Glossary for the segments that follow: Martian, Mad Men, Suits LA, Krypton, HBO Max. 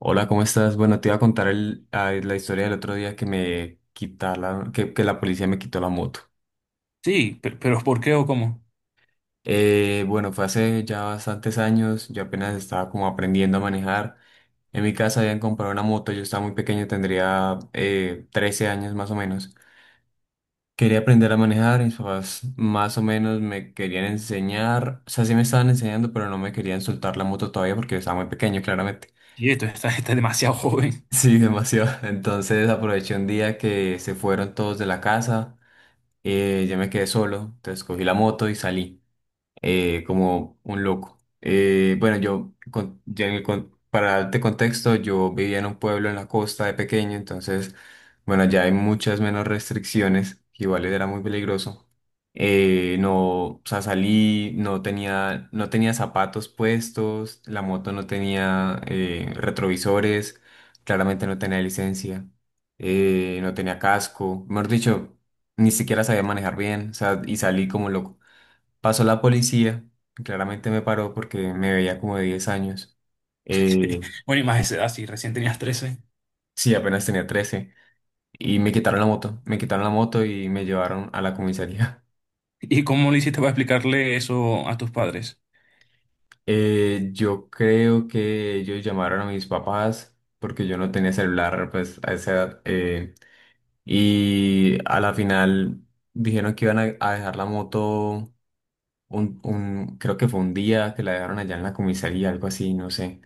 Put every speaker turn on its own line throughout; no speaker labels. Hola, ¿cómo estás? Bueno, te iba a contar la historia del otro día que me quitaron, que la policía me quitó la moto.
Sí, pero, ¿por qué o cómo?
Bueno, fue hace ya bastantes años, yo apenas estaba como aprendiendo a manejar. En mi casa habían comprado una moto, yo estaba muy pequeño, tendría 13 años más o menos. Quería aprender a manejar, mis papás más o menos me querían enseñar, o sea, sí me estaban enseñando, pero no me querían soltar la moto todavía porque yo estaba muy pequeño, claramente.
Y estás demasiado joven.
Sí, demasiado. Entonces aproveché un día que se fueron todos de la casa, yo me quedé solo, entonces cogí la moto y salí como un loco. Bueno, yo, con- ya en el con- para darte contexto, yo vivía en un pueblo en la costa de pequeño, entonces, bueno, ya hay muchas menos restricciones, que igual era muy peligroso. No, o sea, salí, no tenía zapatos puestos, la moto no tenía retrovisores, claramente no tenía licencia, no tenía casco, mejor dicho, ni siquiera sabía manejar bien, o sea, y salí como loco. Pasó la policía, y claramente me paró porque me veía como de 10 años.
Sí.
Eh,
Bueno, y más de esa edad, sí, recién tenías 13.
sí, apenas tenía 13. Y me quitaron la moto, me quitaron la moto y me llevaron a la comisaría.
¿Y cómo lo hiciste para explicarle eso a tus padres?
Yo creo que ellos llamaron a mis papás porque yo no tenía celular pues a esa edad. Y a la final dijeron que iban a dejar la moto creo que fue un día que la dejaron allá en la comisaría, algo así, no sé.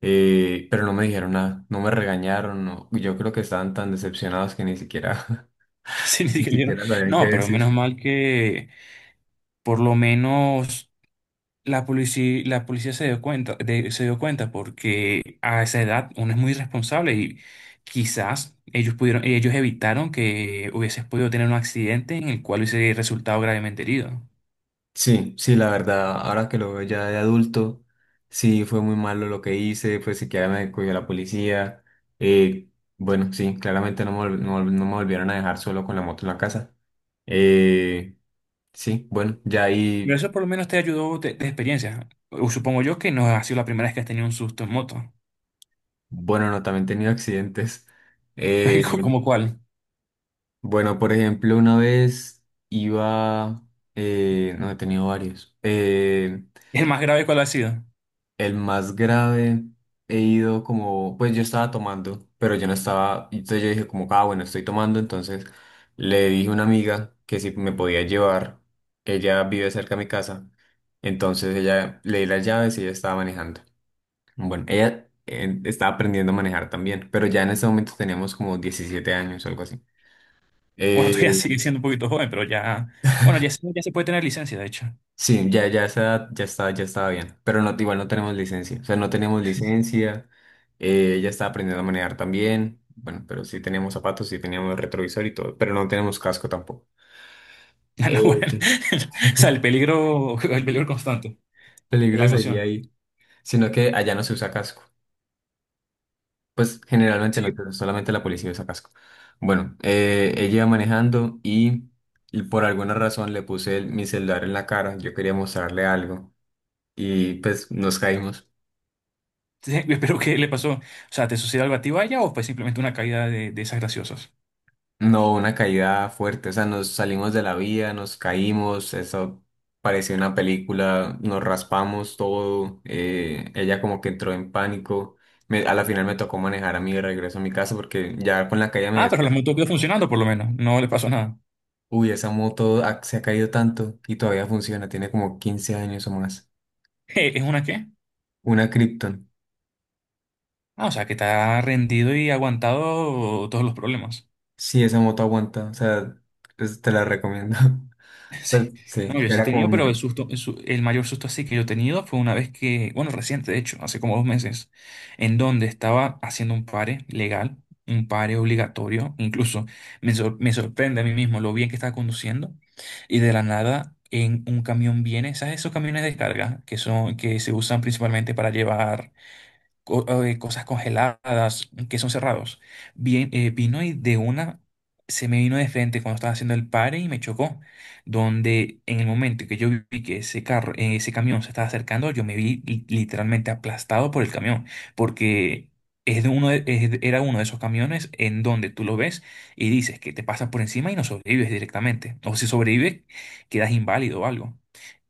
Pero no me dijeron nada, no me regañaron, no. Yo creo que estaban tan decepcionados que ni siquiera,
Sí, ni
ni
siquiera dijeron.
siquiera sabían qué
No, pero menos
decir.
mal que por lo menos la policía se dio cuenta, se dio cuenta porque a esa edad uno es muy irresponsable y quizás ellos evitaron que hubieses podido tener un accidente en el cual hubiese resultado gravemente herido.
Sí, sí, la verdad, ahora que lo veo ya de adulto, sí, fue muy malo lo que hice, pues siquiera me cogió la policía. Eh, bueno, sí, claramente no me volvieron a dejar solo con la moto en la casa. Eh, sí, bueno, ya
Pero
ahí,
eso por lo menos te ayudó de experiencia. O supongo yo que no ha sido la primera vez que has tenido un susto en moto.
bueno, no, también he tenido accidentes. Eh,
¿Cómo cuál?
Bueno, por ejemplo, una vez iba, no, he tenido varios.
¿El más grave cuál ha sido?
El más grave, he ido como, pues yo estaba tomando, pero yo no estaba, entonces yo dije como, ah, bueno, estoy tomando, entonces le dije a una amiga que si me podía llevar, ella vive cerca de mi casa, entonces ella le di las llaves y ella estaba manejando. Bueno, ella estaba aprendiendo a manejar también, pero ya en ese momento teníamos como 17 años o algo así.
Bueno,
Eh,
todavía sigue siendo un poquito joven, pero ya... Bueno, ya, ya se puede tener licencia, de hecho.
Sí, ya, ya esa edad ya estaba bien, pero no, igual no tenemos licencia, o sea, no tenemos licencia, ella estaba aprendiendo a manejar también, bueno, pero sí teníamos zapatos, sí teníamos retrovisor y todo, pero no tenemos casco tampoco.
Ya no, bueno.
Eh,
O sea, el peligro constante, la
Peligro sería
emoción.
ahí, sino que allá no se usa casco, pues generalmente no,
Sí,
pero solamente la policía usa casco. Bueno, ella iba manejando y por alguna razón mi celular en la cara, yo quería mostrarle algo y pues nos caímos.
sí, pero ¿qué le pasó? O sea, ¿te sucedió algo a ti, vaya, o fue simplemente una caída de esas graciosas?
No, una caída fuerte, o sea, nos salimos de la vía, nos caímos, eso parecía una película, nos raspamos todo, ella como que entró en pánico, a la final me tocó manejar a mí de regreso a mi casa porque ya con la caída me
Ah, pero la
desperté.
moto quedó funcionando por lo menos. No le pasó nada.
Uy, se ha caído tanto y todavía funciona, tiene como 15 años o más.
¿Es una qué?
Una Krypton,
Ah, o sea, que está rendido y aguantado todos los problemas.
sí, esa moto aguanta, o sea, te la recomiendo.
Sí.
Pues sí,
No, yo sí he
era como
tenido, pero el
mi...
susto, el mayor susto así que yo he tenido fue una vez que, bueno, reciente, de hecho, hace como 2 meses, en donde estaba haciendo un pare legal, un pare obligatorio, incluso me sorprende a mí mismo lo bien que estaba conduciendo, y de la nada en un camión viene, ¿sabes? Esos camiones de descarga que se usan principalmente para llevar cosas congeladas, quesos cerrados. Bien, vino y de una se me vino de frente cuando estaba haciendo el pare y me chocó. Donde en el momento que yo vi que ese carro, ese camión se estaba acercando, yo me vi literalmente aplastado por el camión, porque es de uno de- es de- era uno de esos camiones en donde tú lo ves y dices que te pasas por encima y no sobrevives directamente. O si sobrevives, quedas inválido o algo.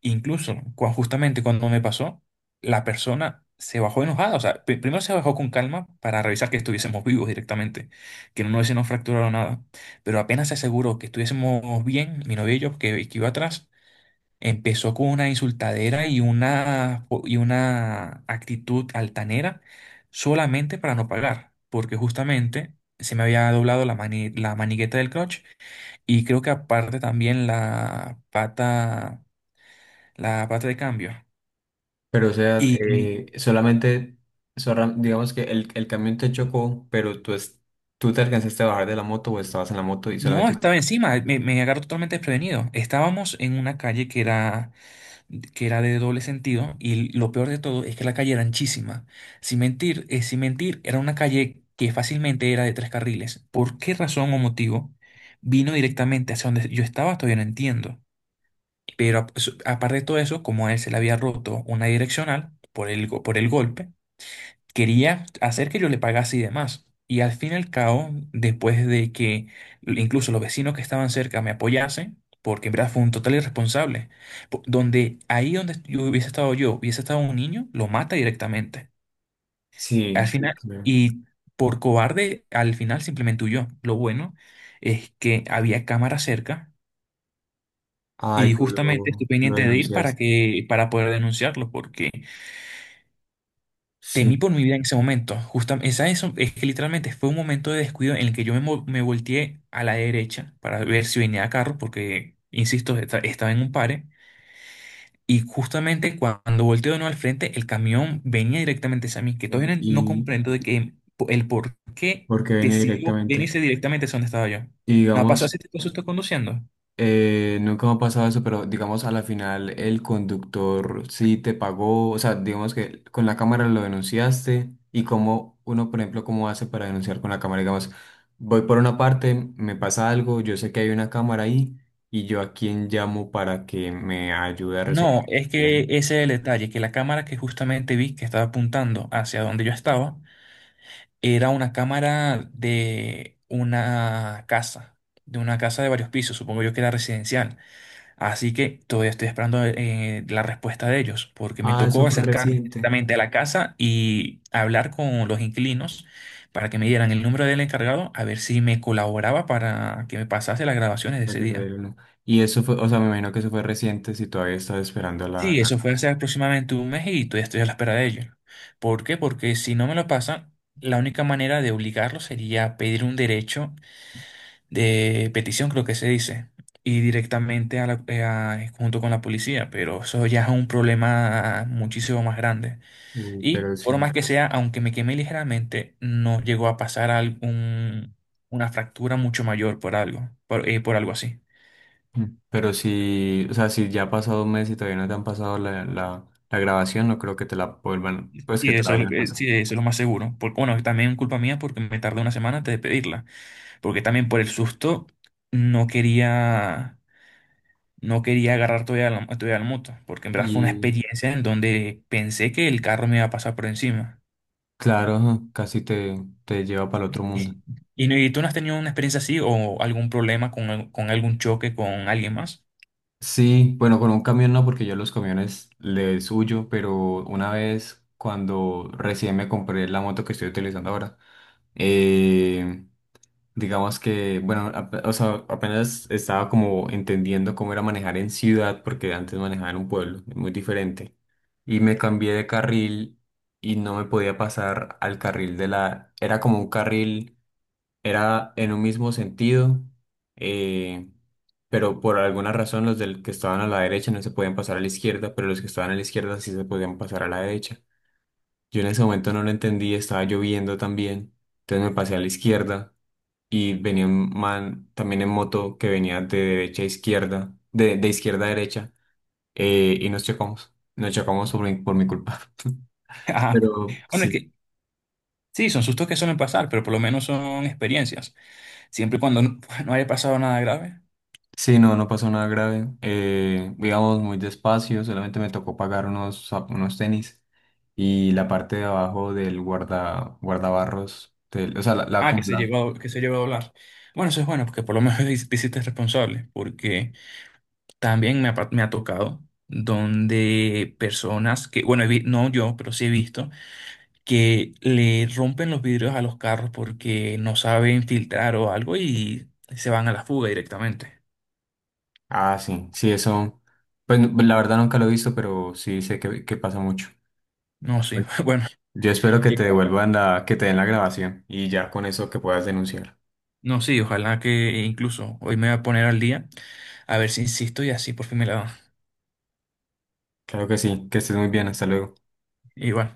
Incluso, justamente cuando me pasó, la persona se bajó enojada. O sea, primero se bajó con calma para revisar que estuviésemos vivos directamente, que no nos hubiésemos fracturado nada. Pero apenas se aseguró que estuviésemos bien, mi novio y yo, que iba atrás, empezó con una insultadera y y una actitud altanera solamente para no pagar, porque justamente se me había doblado la manigueta del clutch y creo que aparte también la pata de cambio.
Pero o sea,
Y
solamente, digamos que el camión te chocó, pero tú te alcanzaste a bajar de la moto o estabas en la moto y
no,
solamente...
estaba encima, me agarró totalmente desprevenido. Estábamos en una calle que era de doble sentido y lo peor de todo es que la calle era anchísima. Sin mentir, sin mentir, era una calle que fácilmente era de 3 carriles. ¿Por qué razón o motivo vino directamente hacia donde yo estaba? Todavía no entiendo. Pero aparte de todo eso, como a él se le había roto una direccional por el, por el golpe, quería hacer que yo le pagase y demás. Y al fin y al cabo, después de que incluso los vecinos que estaban cerca me apoyasen, porque en verdad fue un total irresponsable, donde ahí donde yo, hubiese estado un niño, lo mata directamente.
Sí,
Al
sí,
final,
claro.
y por cobarde, al final simplemente huyó. Lo bueno es que había cámara cerca
Ay,
y justamente estoy
lo
pendiente de ir
denuncias.
para que, para poder denunciarlo, porque temí
Sí,
por mi vida en ese momento. Justamente, esa eso es que literalmente fue un momento de descuido en el que me volteé a la derecha para ver si venía carro, porque, insisto, estaba en un pare. Y justamente cuando volteo de nuevo al frente, el camión venía directamente hacia mí, que
bueno,
todavía no no
y
comprendo de que el por qué
porque viene
decidió
directamente.
venirse directamente hacia donde estaba yo.
Y
¿No ha pasado
digamos,
ese tipo de susto conduciendo?
Nunca me ha pasado eso, pero digamos a la final el conductor sí te pagó, o sea, digamos que con la cámara lo denunciaste y como uno, por ejemplo, cómo hace para denunciar con la cámara, digamos, voy por una parte, me pasa algo, yo sé que hay una cámara ahí y yo a quién llamo para que me ayude a resolver
No,
el
es que
problema.
ese es el detalle, que la cámara que justamente vi que estaba apuntando hacia donde yo estaba, era una cámara de una casa, de una casa de varios pisos, supongo yo que era residencial. Así que todavía estoy esperando la respuesta de ellos, porque me
Ah, eso
tocó
fue
acercarme
reciente.
directamente a la casa y hablar con los inquilinos para que me dieran el número del encargado, a ver si me colaboraba para que me pasase las grabaciones de
No
ese
te
día.
creo, no. Y eso fue, o sea, me imagino que eso fue reciente si todavía estás esperando
Sí,
la
eso fue hace
cárcel.
aproximadamente 1 mes y todavía estoy a la espera de ellos. ¿Por qué? Porque si no me lo pasan, la única manera de obligarlo sería pedir un derecho de petición, creo que se dice, y directamente a junto con la policía, pero eso ya es un problema muchísimo más grande.
Uy,
Y
pero
por
sí.
más que sea, aunque me quemé ligeramente, no llegó a pasar algún, una fractura mucho mayor por algo, por algo así.
Mm. Pero si, o sea, si ya ha pasado un mes y todavía no te han pasado la grabación, no creo que te la vuelvan, pues que
Sí,
te la
eso es lo
vayan a
que-
pasar.
sí, eso es lo más seguro. Porque, bueno, también culpa mía porque me tardé 1 semana antes de pedirla, porque también por el susto no quería. No quería agarrar todavía la moto, porque en verdad fue una
Y
experiencia en donde pensé que el carro me iba a pasar por encima.
claro, ajá, casi te lleva para el otro mundo.
¿Y, y tú no has tenido una experiencia así o algún problema con algún choque con alguien más?
Sí, bueno, con un camión no, porque yo los camiones les huyo, pero una vez cuando recién me compré la moto que estoy utilizando ahora, eh, digamos que, bueno, o sea, apenas estaba como entendiendo cómo era manejar en ciudad, porque antes manejaba en un pueblo, es muy diferente. Y me cambié de carril y no me podía pasar al carril de la... Era como un carril, era en un mismo sentido, eh, pero por alguna razón los del que estaban a la derecha no se podían pasar a la izquierda, pero los que estaban a la izquierda sí se podían pasar a la derecha. Yo en ese momento no lo entendí, estaba lloviendo también, entonces me pasé a la izquierda y venía un man también en moto que venía de derecha a izquierda, de izquierda a derecha, y nos chocamos. Nos chocamos por mi culpa.
Ah,
Pero
bueno, es
sí,
que sí, son sustos que suelen pasar, pero por lo menos son experiencias. Siempre y cuando no, no haya pasado nada grave.
sí, no, no pasó nada grave. Íbamos muy despacio, solamente me tocó pagar unos, unos tenis y la parte de abajo del guardabarros, o sea,
Ah, que
como
se
la...
llegó, que se llegó a hablar. Bueno, eso es bueno, porque por lo menos te hiciste responsable, porque también me ha tocado donde personas que, bueno, no yo, pero sí he visto que le rompen los vidrios a los carros porque no saben filtrar o algo y se van a la fuga directamente.
Ah, sí, sí, eso. Pues la verdad nunca lo he visto, pero sí sé que pasa mucho.
No, sí, bueno,
Yo espero que te
igual.
devuelvan la, que te den la grabación y ya con eso que puedas denunciar.
No, sí, ojalá que incluso hoy me voy a poner al día a ver si insisto y así por fin me la dan.
Claro que sí, que estés muy bien, hasta luego.
Igual.